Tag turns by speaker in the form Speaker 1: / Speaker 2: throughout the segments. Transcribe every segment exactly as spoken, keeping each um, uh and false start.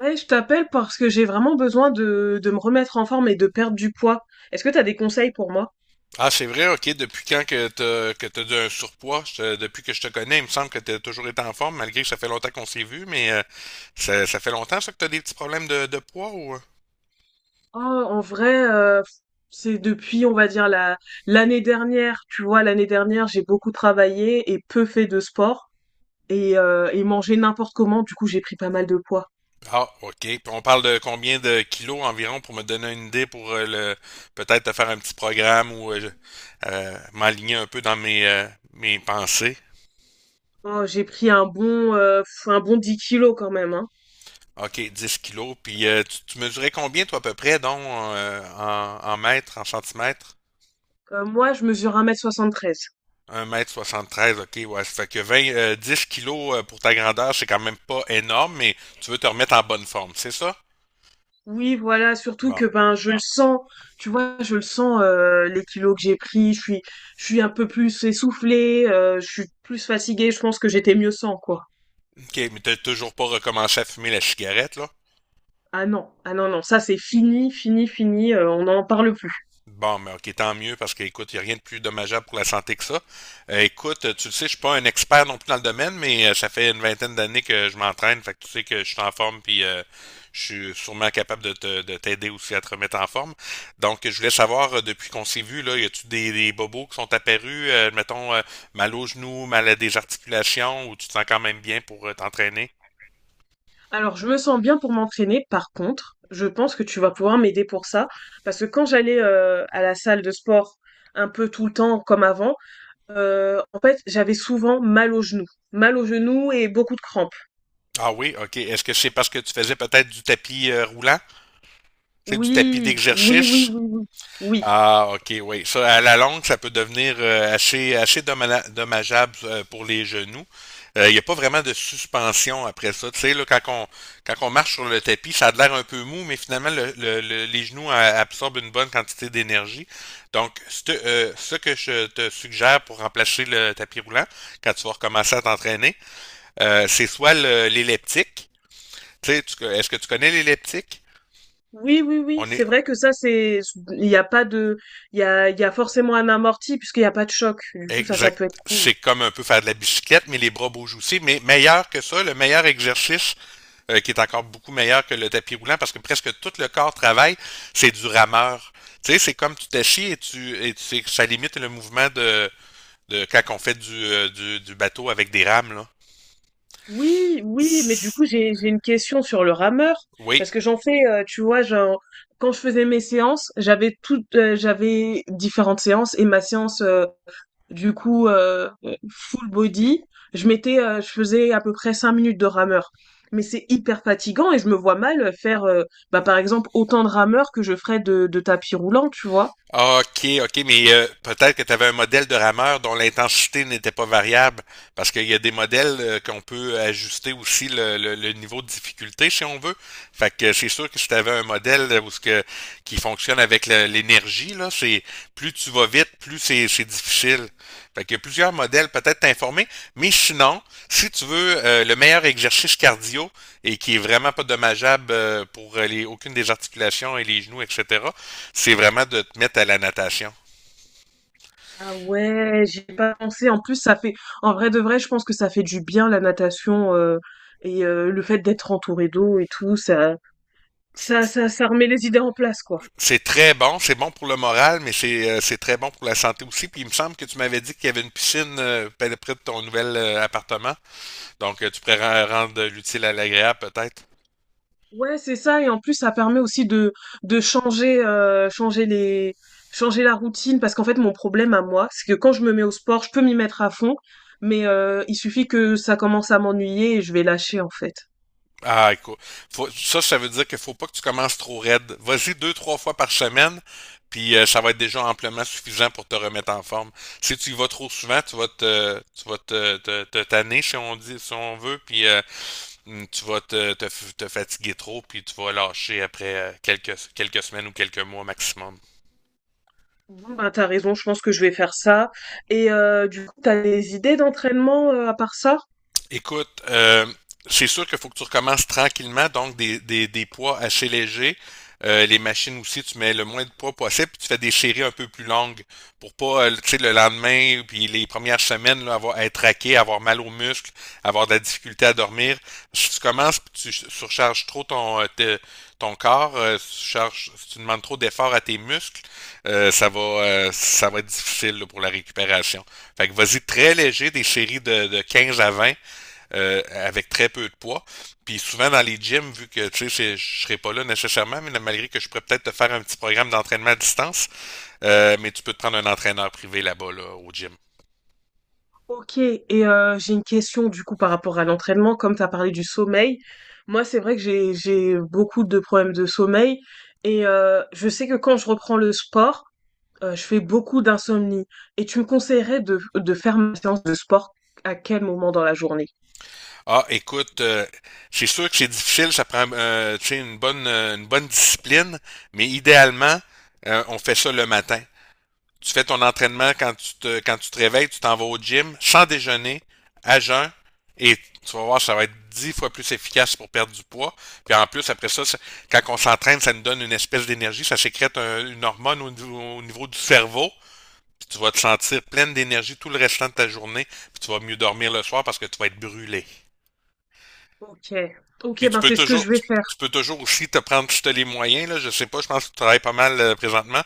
Speaker 1: Ouais, je t'appelle parce que j'ai vraiment besoin de, de me remettre en forme et de perdre du poids. Est-ce que t'as des conseils pour moi?
Speaker 2: Ah, c'est vrai, ok. Depuis quand que t'as que t'as du un surpoids? Je te- depuis que je te connais, il me semble que t'as toujours été en forme, malgré que ça fait longtemps qu'on s'est vu, mais euh, ça, ça fait longtemps ça que t'as des petits problèmes de, de poids ou?
Speaker 1: Oh, en vrai, euh, c'est depuis, on va dire, la, l'année dernière. Tu vois, l'année dernière, j'ai beaucoup travaillé et peu fait de sport et, euh, et mangé n'importe comment. Du coup, j'ai pris pas mal de poids.
Speaker 2: Ah, ok. Puis on parle de combien de kilos environ pour me donner une idée pour euh, le peut-être te faire un petit programme ou euh, je- euh, m'aligner un peu dans mes euh, mes pensées.
Speaker 1: Oh, j'ai pris un bon, euh, un bon dix kilos quand même, hein.
Speaker 2: Ok, dix kilos. Puis euh, tu, tu mesurais combien toi à peu près, donc euh, en, en mètres, en centimètres?
Speaker 1: Heu, moi, je mesure un m soixante-treize.
Speaker 2: Un mètre soixante treize, ok, ouais. Ça fait que vingt euh, dix kilos euh, pour ta grandeur, c'est quand même pas énorme, mais tu veux te remettre en bonne forme, c'est ça?
Speaker 1: Oui, voilà, surtout que,
Speaker 2: Bon.
Speaker 1: ben, je le sens, tu vois? Je le sens, heu, les kilos que j'ai pris, je suis je suis un peu plus essoufflée, heu, je suis plus fatiguée, je pense que j'étais mieux sans, quoi.
Speaker 2: Ok, mais t'as toujours pas recommencé à fumer la cigarette, là?
Speaker 1: Ah non, ah non, non, ça, c'est fini, fini, fini, heu, on n'en parle plus.
Speaker 2: Bon, mais ok, tant mieux, parce qu'écoute, il n'y a rien de plus dommageable pour la santé que ça. Euh, écoute, tu le sais, je suis pas un expert non plus dans le domaine, mais euh, ça fait une vingtaine d'années que je m'entraîne, fait que tu sais que je suis en forme, puis euh, je suis sûrement capable de te- de t'aider aussi à te remettre en forme. Donc, je voulais savoir, euh, depuis qu'on s'est vu, là, y a-tu des, des bobos qui sont apparus, euh, mettons, euh, mal aux genoux, mal à des articulations, ou tu te sens quand même bien pour euh, t'entraîner?
Speaker 1: Alors je me sens bien pour m'entraîner, par contre, je pense que tu vas pouvoir m'aider pour ça, parce que quand j'allais, heu, à la salle de sport un peu tout le temps comme avant, heu, en fait, j'avais souvent mal aux genoux mal aux genoux et beaucoup de crampes.
Speaker 2: Ah oui, ok. Est-ce que c'est parce que tu faisais peut-être du tapis euh, roulant? Tu sais, du tapis
Speaker 1: Oui, oui, oui,
Speaker 2: d'exercice?
Speaker 1: oui, oui. Oui.
Speaker 2: Ah, ok, oui. Ça, à la longue, ça peut devenir euh, assez, assez domma- dommageable euh, pour les genoux. Euh, Il n'y a pas vraiment de suspension après ça. Tu sais, là, quand on, quand on marche sur le tapis, ça a l'air un peu mou, mais finalement, le, le- le- les genoux euh, absorbent une bonne quantité d'énergie. Donc, c'te- euh, ce que je te suggère pour remplacer le tapis roulant, quand tu vas recommencer à t'entraîner, euh, c'est soit le- l'elliptique. Tu sais, tu- est-ce que tu connais l'elliptique?
Speaker 1: Oui, oui, oui,
Speaker 2: On est.
Speaker 1: c'est vrai que ça, c'est, il n'y a pas de, il y a, il y a forcément un amorti puisqu'il n'y a pas de choc. Du coup, ça, ça
Speaker 2: Exact.
Speaker 1: peut être cool.
Speaker 2: C'est comme un peu faire de la bicyclette, mais les bras bougent aussi. Mais meilleur que ça, le meilleur exercice, euh, qui est encore beaucoup meilleur que le tapis roulant, parce que presque tout le corps travaille, c'est du rameur. Tu sais, c'est comme tu t'assis et tu, et tu sais, ça limite le mouvement de, de quand on fait du, euh, du, du bateau avec des rames, là.
Speaker 1: Oui, oui, mais du coup, j'ai, j'ai une question sur le rameur
Speaker 2: Oui.
Speaker 1: parce que j'en fais, euh, tu vois, genre, quand je faisais mes séances, j'avais toutes, euh, j'avais différentes séances et ma séance euh, Du coup, euh, full body, je mettais, euh, je faisais à peu près cinq minutes de rameur. Mais c'est hyper fatigant et je me vois mal faire, euh, bah, par exemple, autant de rameurs que je ferais de, de tapis roulant, tu vois.
Speaker 2: Ah, OK, OK, mais euh, peut-être que tu avais un modèle de rameur dont l'intensité n'était pas variable, parce qu'il y a des modèles euh, qu'on peut ajuster aussi le, le- le niveau de difficulté si on veut. Fait que c'est sûr que si tu avais un modèle euh, où ce que, qui fonctionne avec le- l'énergie, là, c'est plus tu vas vite, plus c'est c'est difficile. Fait qu'il y a plusieurs modèles, peut-être t'informer, mais sinon, si tu veux euh, le meilleur exercice cardio et qui est vraiment pas dommageable euh, pour euh, les, aucune des articulations et les genoux, et cetera, c'est vraiment de te mettre à la natation.
Speaker 1: Ah ouais, j'ai pas pensé. En plus, ça fait, en vrai de vrai, je pense que ça fait du bien la natation euh, et euh, le fait d'être entouré d'eau et tout, ça, ça, ça, ça remet les idées en place, quoi.
Speaker 2: C'est très bon, c'est bon pour le moral, mais c'est euh, c'est très bon pour la santé aussi. Puis il me semble que tu m'avais dit qu'il y avait une piscine euh, près de ton nouvel euh, appartement. Donc euh, tu pourrais rendre l'utile à l'agréable peut-être.
Speaker 1: Ouais, c'est ça. Et en plus, ça permet aussi de, de changer, euh, changer les, changer la routine. Parce qu'en fait, mon problème à moi, c'est que quand je me mets au sport, je peux m'y mettre à fond, mais euh, il suffit que ça commence à m'ennuyer et je vais lâcher, en fait.
Speaker 2: Ah, écoute, faut- ça, ça veut dire qu'il faut pas que tu commences trop raide. Vas-y deux, trois fois par semaine, puis euh, ça va être déjà amplement suffisant pour te remettre en forme. Si tu y vas trop souvent, tu vas te, tu vas te, te, te tanner, si on dit, si on veut, puis euh, mm, tu vas te, te, f- te fatiguer trop, puis tu vas lâcher après euh, quelques, quelques semaines ou quelques mois maximum.
Speaker 1: Bon, bah, t'as raison, je pense que je vais faire ça. Et euh, du coup, t'as des idées d'entraînement euh, à part ça?
Speaker 2: Écoute, euh, c'est sûr qu'il faut que tu recommences tranquillement, donc des, des, des poids assez légers. Euh, les machines aussi, tu mets le moins de poids possible, puis tu fais des séries un peu plus longues pour pas, euh, tu sais, le lendemain, puis les premières semaines, là, avoir, être raqué, avoir mal aux muscles, avoir de la difficulté à dormir. Si tu commences, puis tu surcharges trop ton, euh, te- ton corps, euh, si tu, charges- si tu demandes trop d'efforts à tes muscles, euh, ça va, euh, ça va être difficile là, pour la récupération. Fait que vas-y très léger, des séries de, de quinze à vingt euh, avec très peu de poids. Puis souvent dans les gyms, vu que tu sais, je serai pas là nécessairement, mais malgré que je pourrais peut-être te faire un petit programme d'entraînement à distance, euh, mais tu peux te prendre un entraîneur privé là-bas là, au gym.
Speaker 1: Ok, et euh, j'ai une question du coup par rapport à l'entraînement, comme t'as parlé du sommeil. Moi, c'est vrai que j'ai j'ai beaucoup de problèmes de sommeil et euh, je sais que quand je reprends le sport, Heu, je fais beaucoup d'insomnie et tu me conseillerais de de faire ma séance de sport à quel moment dans la journée?
Speaker 2: Ah, écoute, euh, c'est sûr que c'est difficile, ça prend euh, tu sais, une bonne euh, une bonne discipline, mais idéalement, euh, on fait ça le matin. Tu fais ton entraînement quand tu te, quand tu te réveilles, tu t'en vas au gym sans déjeuner, à jeun, et tu vas voir, ça va être dix fois plus efficace pour perdre du poids. Puis en plus, après ça, ça- quand on s'entraîne, ça nous donne une espèce d'énergie, ça sécrète un- une hormone au, au niveau du cerveau. Puis tu vas te sentir pleine d'énergie tout le restant de ta journée. Puis tu vas mieux dormir le soir parce que tu vas être brûlé.
Speaker 1: OK. OK,
Speaker 2: Puis tu
Speaker 1: ben,
Speaker 2: peux
Speaker 1: c'est ce que
Speaker 2: toujours,
Speaker 1: je vais
Speaker 2: tu,
Speaker 1: faire.
Speaker 2: tu peux toujours aussi te prendre, si tu as les moyens, là, je sais pas, je pense que tu travailles pas mal euh, présentement,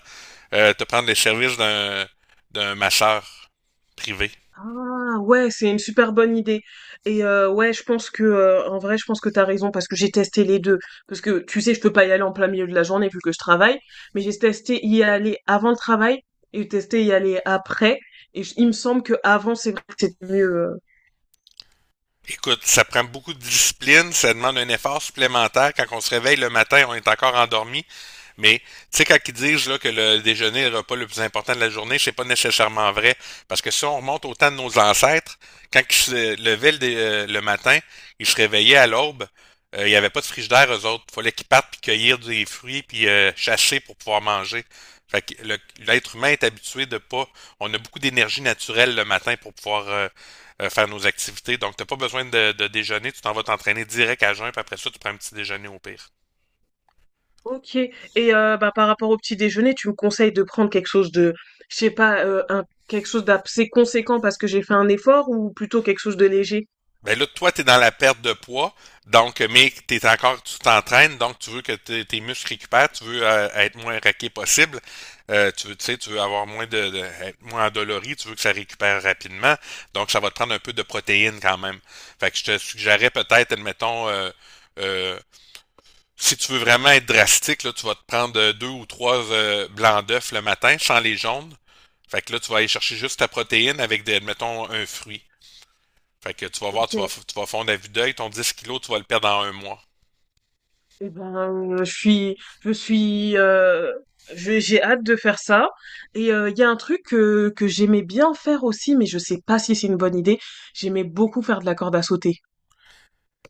Speaker 2: euh, te prendre les services d'un d'un masseur privé.
Speaker 1: Ah ouais, c'est une super bonne idée. Et euh, ouais, je pense que euh, en vrai, je pense que t'as raison parce que j'ai testé les deux. Parce que tu sais, je peux pas y aller en plein milieu de la journée vu que je travaille, mais j'ai testé y aller avant le travail et testé y aller après. Et j- il me semble que avant, c'est vrai que c'était mieux. Euh,
Speaker 2: Écoute, ça prend beaucoup de discipline, ça demande un effort supplémentaire. Quand on se réveille le matin, on est encore endormi. Mais tu sais, quand ils disent là, que le déjeuner est le repas le plus important de la journée, c'est pas nécessairement vrai. Parce que si on remonte au temps de nos ancêtres, quand ils se levaient le, dé- euh, le matin, ils se réveillaient à l'aube, euh, il n'y avait pas de frigidaire, eux autres. Il fallait qu'ils partent puis cueillir des fruits puis euh, chasser pour pouvoir manger. Fait que le- l'être humain est habitué de pas. On a beaucoup d'énergie naturelle le matin pour pouvoir euh, euh, faire nos activités. Donc, t'as pas besoin de, de déjeuner. Tu t'en vas t'entraîner direct à jeun, puis après ça, tu prends un petit déjeuner au pire.
Speaker 1: Ok. Et euh, bah, par rapport au petit déjeuner, tu me conseilles de prendre quelque chose de, je sais pas, euh, un, quelque chose d'assez conséquent parce que j'ai fait un effort ou plutôt quelque chose de léger?
Speaker 2: Ben là, toi, t'es dans la perte de poids, donc, euh, mais t'es encore, tu t'entraînes, donc tu veux que tes, tes muscles récupèrent, tu veux euh, être moins raqué possible, euh, tu veux, tu sais, tu veux avoir moins de, de- être moins endolori, tu veux que ça récupère rapidement, donc ça va te prendre un peu de protéines quand même. Fait que je te suggérerais peut-être, admettons, euh, euh, si tu veux vraiment être drastique, là, tu vas te prendre euh, deux ou trois euh, blancs d'œufs le matin, sans les jaunes. Fait que là, tu vas aller chercher juste ta protéine avec, des, mettons, un fruit. Fait que tu vas voir, tu vas,
Speaker 1: Ok.
Speaker 2: f- tu vas fondre à vue d'œil, ton dix kilos, tu vas le perdre en un mois.
Speaker 1: Eh ben, euh, je suis, je suis, euh, je- j'ai hâte de faire ça. Et euh, il y a un truc que, que j'aimais bien faire aussi, mais je sais pas si c'est une bonne idée. J'aimais beaucoup faire de la corde à sauter.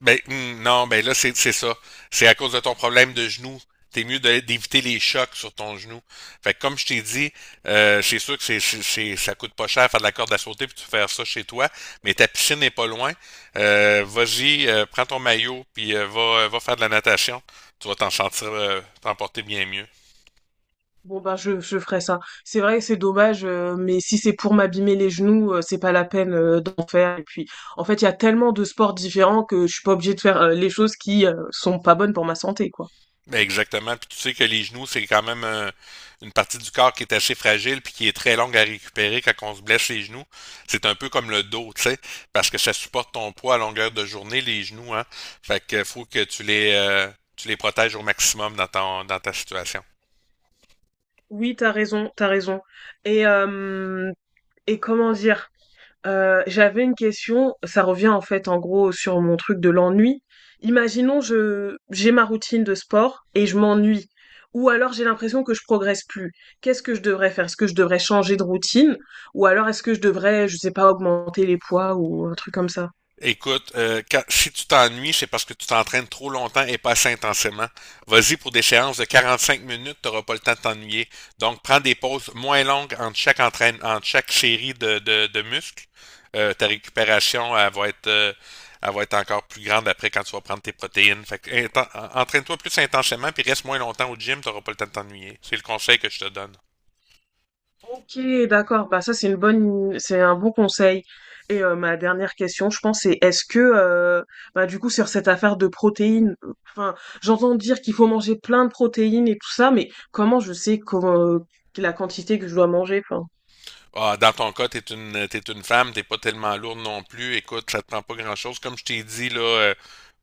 Speaker 2: Ben, hum, non, ben là, c'est c'est ça. C'est à cause de ton problème de genou. T'es mieux de- d'éviter les chocs sur ton genou. Fait que comme je t'ai dit, euh, c'est sûr que c'est, c'est, c'est- ça coûte pas cher faire de la corde à sauter puis tu faire ça chez toi, mais ta piscine n'est pas loin. Euh, vas-y, euh, prends ton maillot puis euh, va, euh, va faire de la natation. Tu vas t'en sentir, euh, t'en porter bien mieux.
Speaker 1: Bon bah je, je ferai ça. C'est vrai que c'est dommage, euh, mais si c'est pour m'abîmer les genoux, euh, c'est pas la peine euh, d'en faire. Et puis, en fait, il y a tellement de sports différents que je suis pas obligée de faire euh, les choses qui euh, sont pas bonnes pour ma santé, quoi.
Speaker 2: Ben, exactement. Puis tu sais que les genoux, c'est quand même euh, une partie du corps qui est assez fragile puis qui est très longue à récupérer quand on se blesse les genoux. C'est un peu comme le dos, tu sais, parce que ça supporte ton poids à longueur de journée, les genoux, hein. Fait que faut que tu les euh, tu les protèges au maximum dans ton dans ta situation.
Speaker 1: Oui, t'as raison, t'as raison. Et euh, et comment dire? Euh, j'avais une question, ça revient en fait en gros sur mon truc de l'ennui. Imaginons je j'ai ma routine de sport et je m'ennuie, ou alors j'ai l'impression que je progresse plus. Qu'est-ce que je devrais faire? Est-ce que je devrais changer de routine, ou alors est-ce que je devrais, je sais pas, augmenter les poids ou un truc comme ça?
Speaker 2: Écoute, euh, quand- si tu t'ennuies, c'est parce que tu t'entraînes trop longtemps et pas assez intensément. Vas-y pour des séances de quarante-cinq minutes, tu n'auras pas le temps de t'ennuyer. Donc, prends des pauses moins longues entre chaque entraîne, entre chaque série de, de, de muscles. Euh, ta récupération, elle va être, euh, elle va être encore plus grande après quand tu vas prendre tes protéines. Fait que, inten- entraîne-toi plus intensément, puis reste moins longtemps au gym, tu n'auras pas le temps de t'ennuyer. C'est le conseil que je te donne.
Speaker 1: Ok, d'accord. Bah ça c'est une bonne, c'est un bon conseil. Et euh, ma dernière question, je pense, c'est est-ce que, euh, bah du coup sur cette affaire de protéines, euh, enfin j'entends dire qu'il faut manger plein de protéines et tout ça, mais comment je sais comment, euh, la quantité que je dois manger, enfin.
Speaker 2: Ah, dans ton cas, t'es une, t'es une femme, t'es pas tellement lourde non plus. Écoute, ça te prend pas grand-chose. Comme je t'ai dit, là, euh,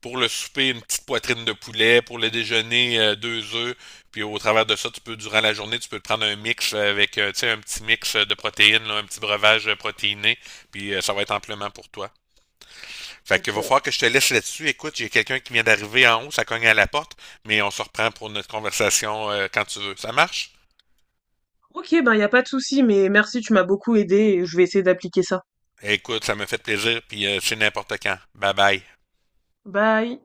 Speaker 2: pour le souper, une petite poitrine de poulet. Pour le déjeuner, euh, deux œufs. Puis au travers de ça, tu peux, durant la journée, tu peux te prendre un mix avec, euh, tu sais, un petit mix de protéines, là, un petit breuvage euh, protéiné. Puis euh, ça va être amplement pour toi. Fait que va
Speaker 1: Ok,
Speaker 2: falloir que je te laisse là-dessus. Écoute, j'ai quelqu'un qui vient d'arriver en haut, ça cogne à la porte. Mais on se reprend pour notre conversation euh, quand tu veux. Ça marche?
Speaker 1: ok, bah y a pas de souci, mais merci, tu m'as beaucoup aidé et je vais essayer d'appliquer ça.
Speaker 2: Écoute, ça me fait plaisir. Puis euh, c'est n'importe quand. Bye bye.
Speaker 1: Bye.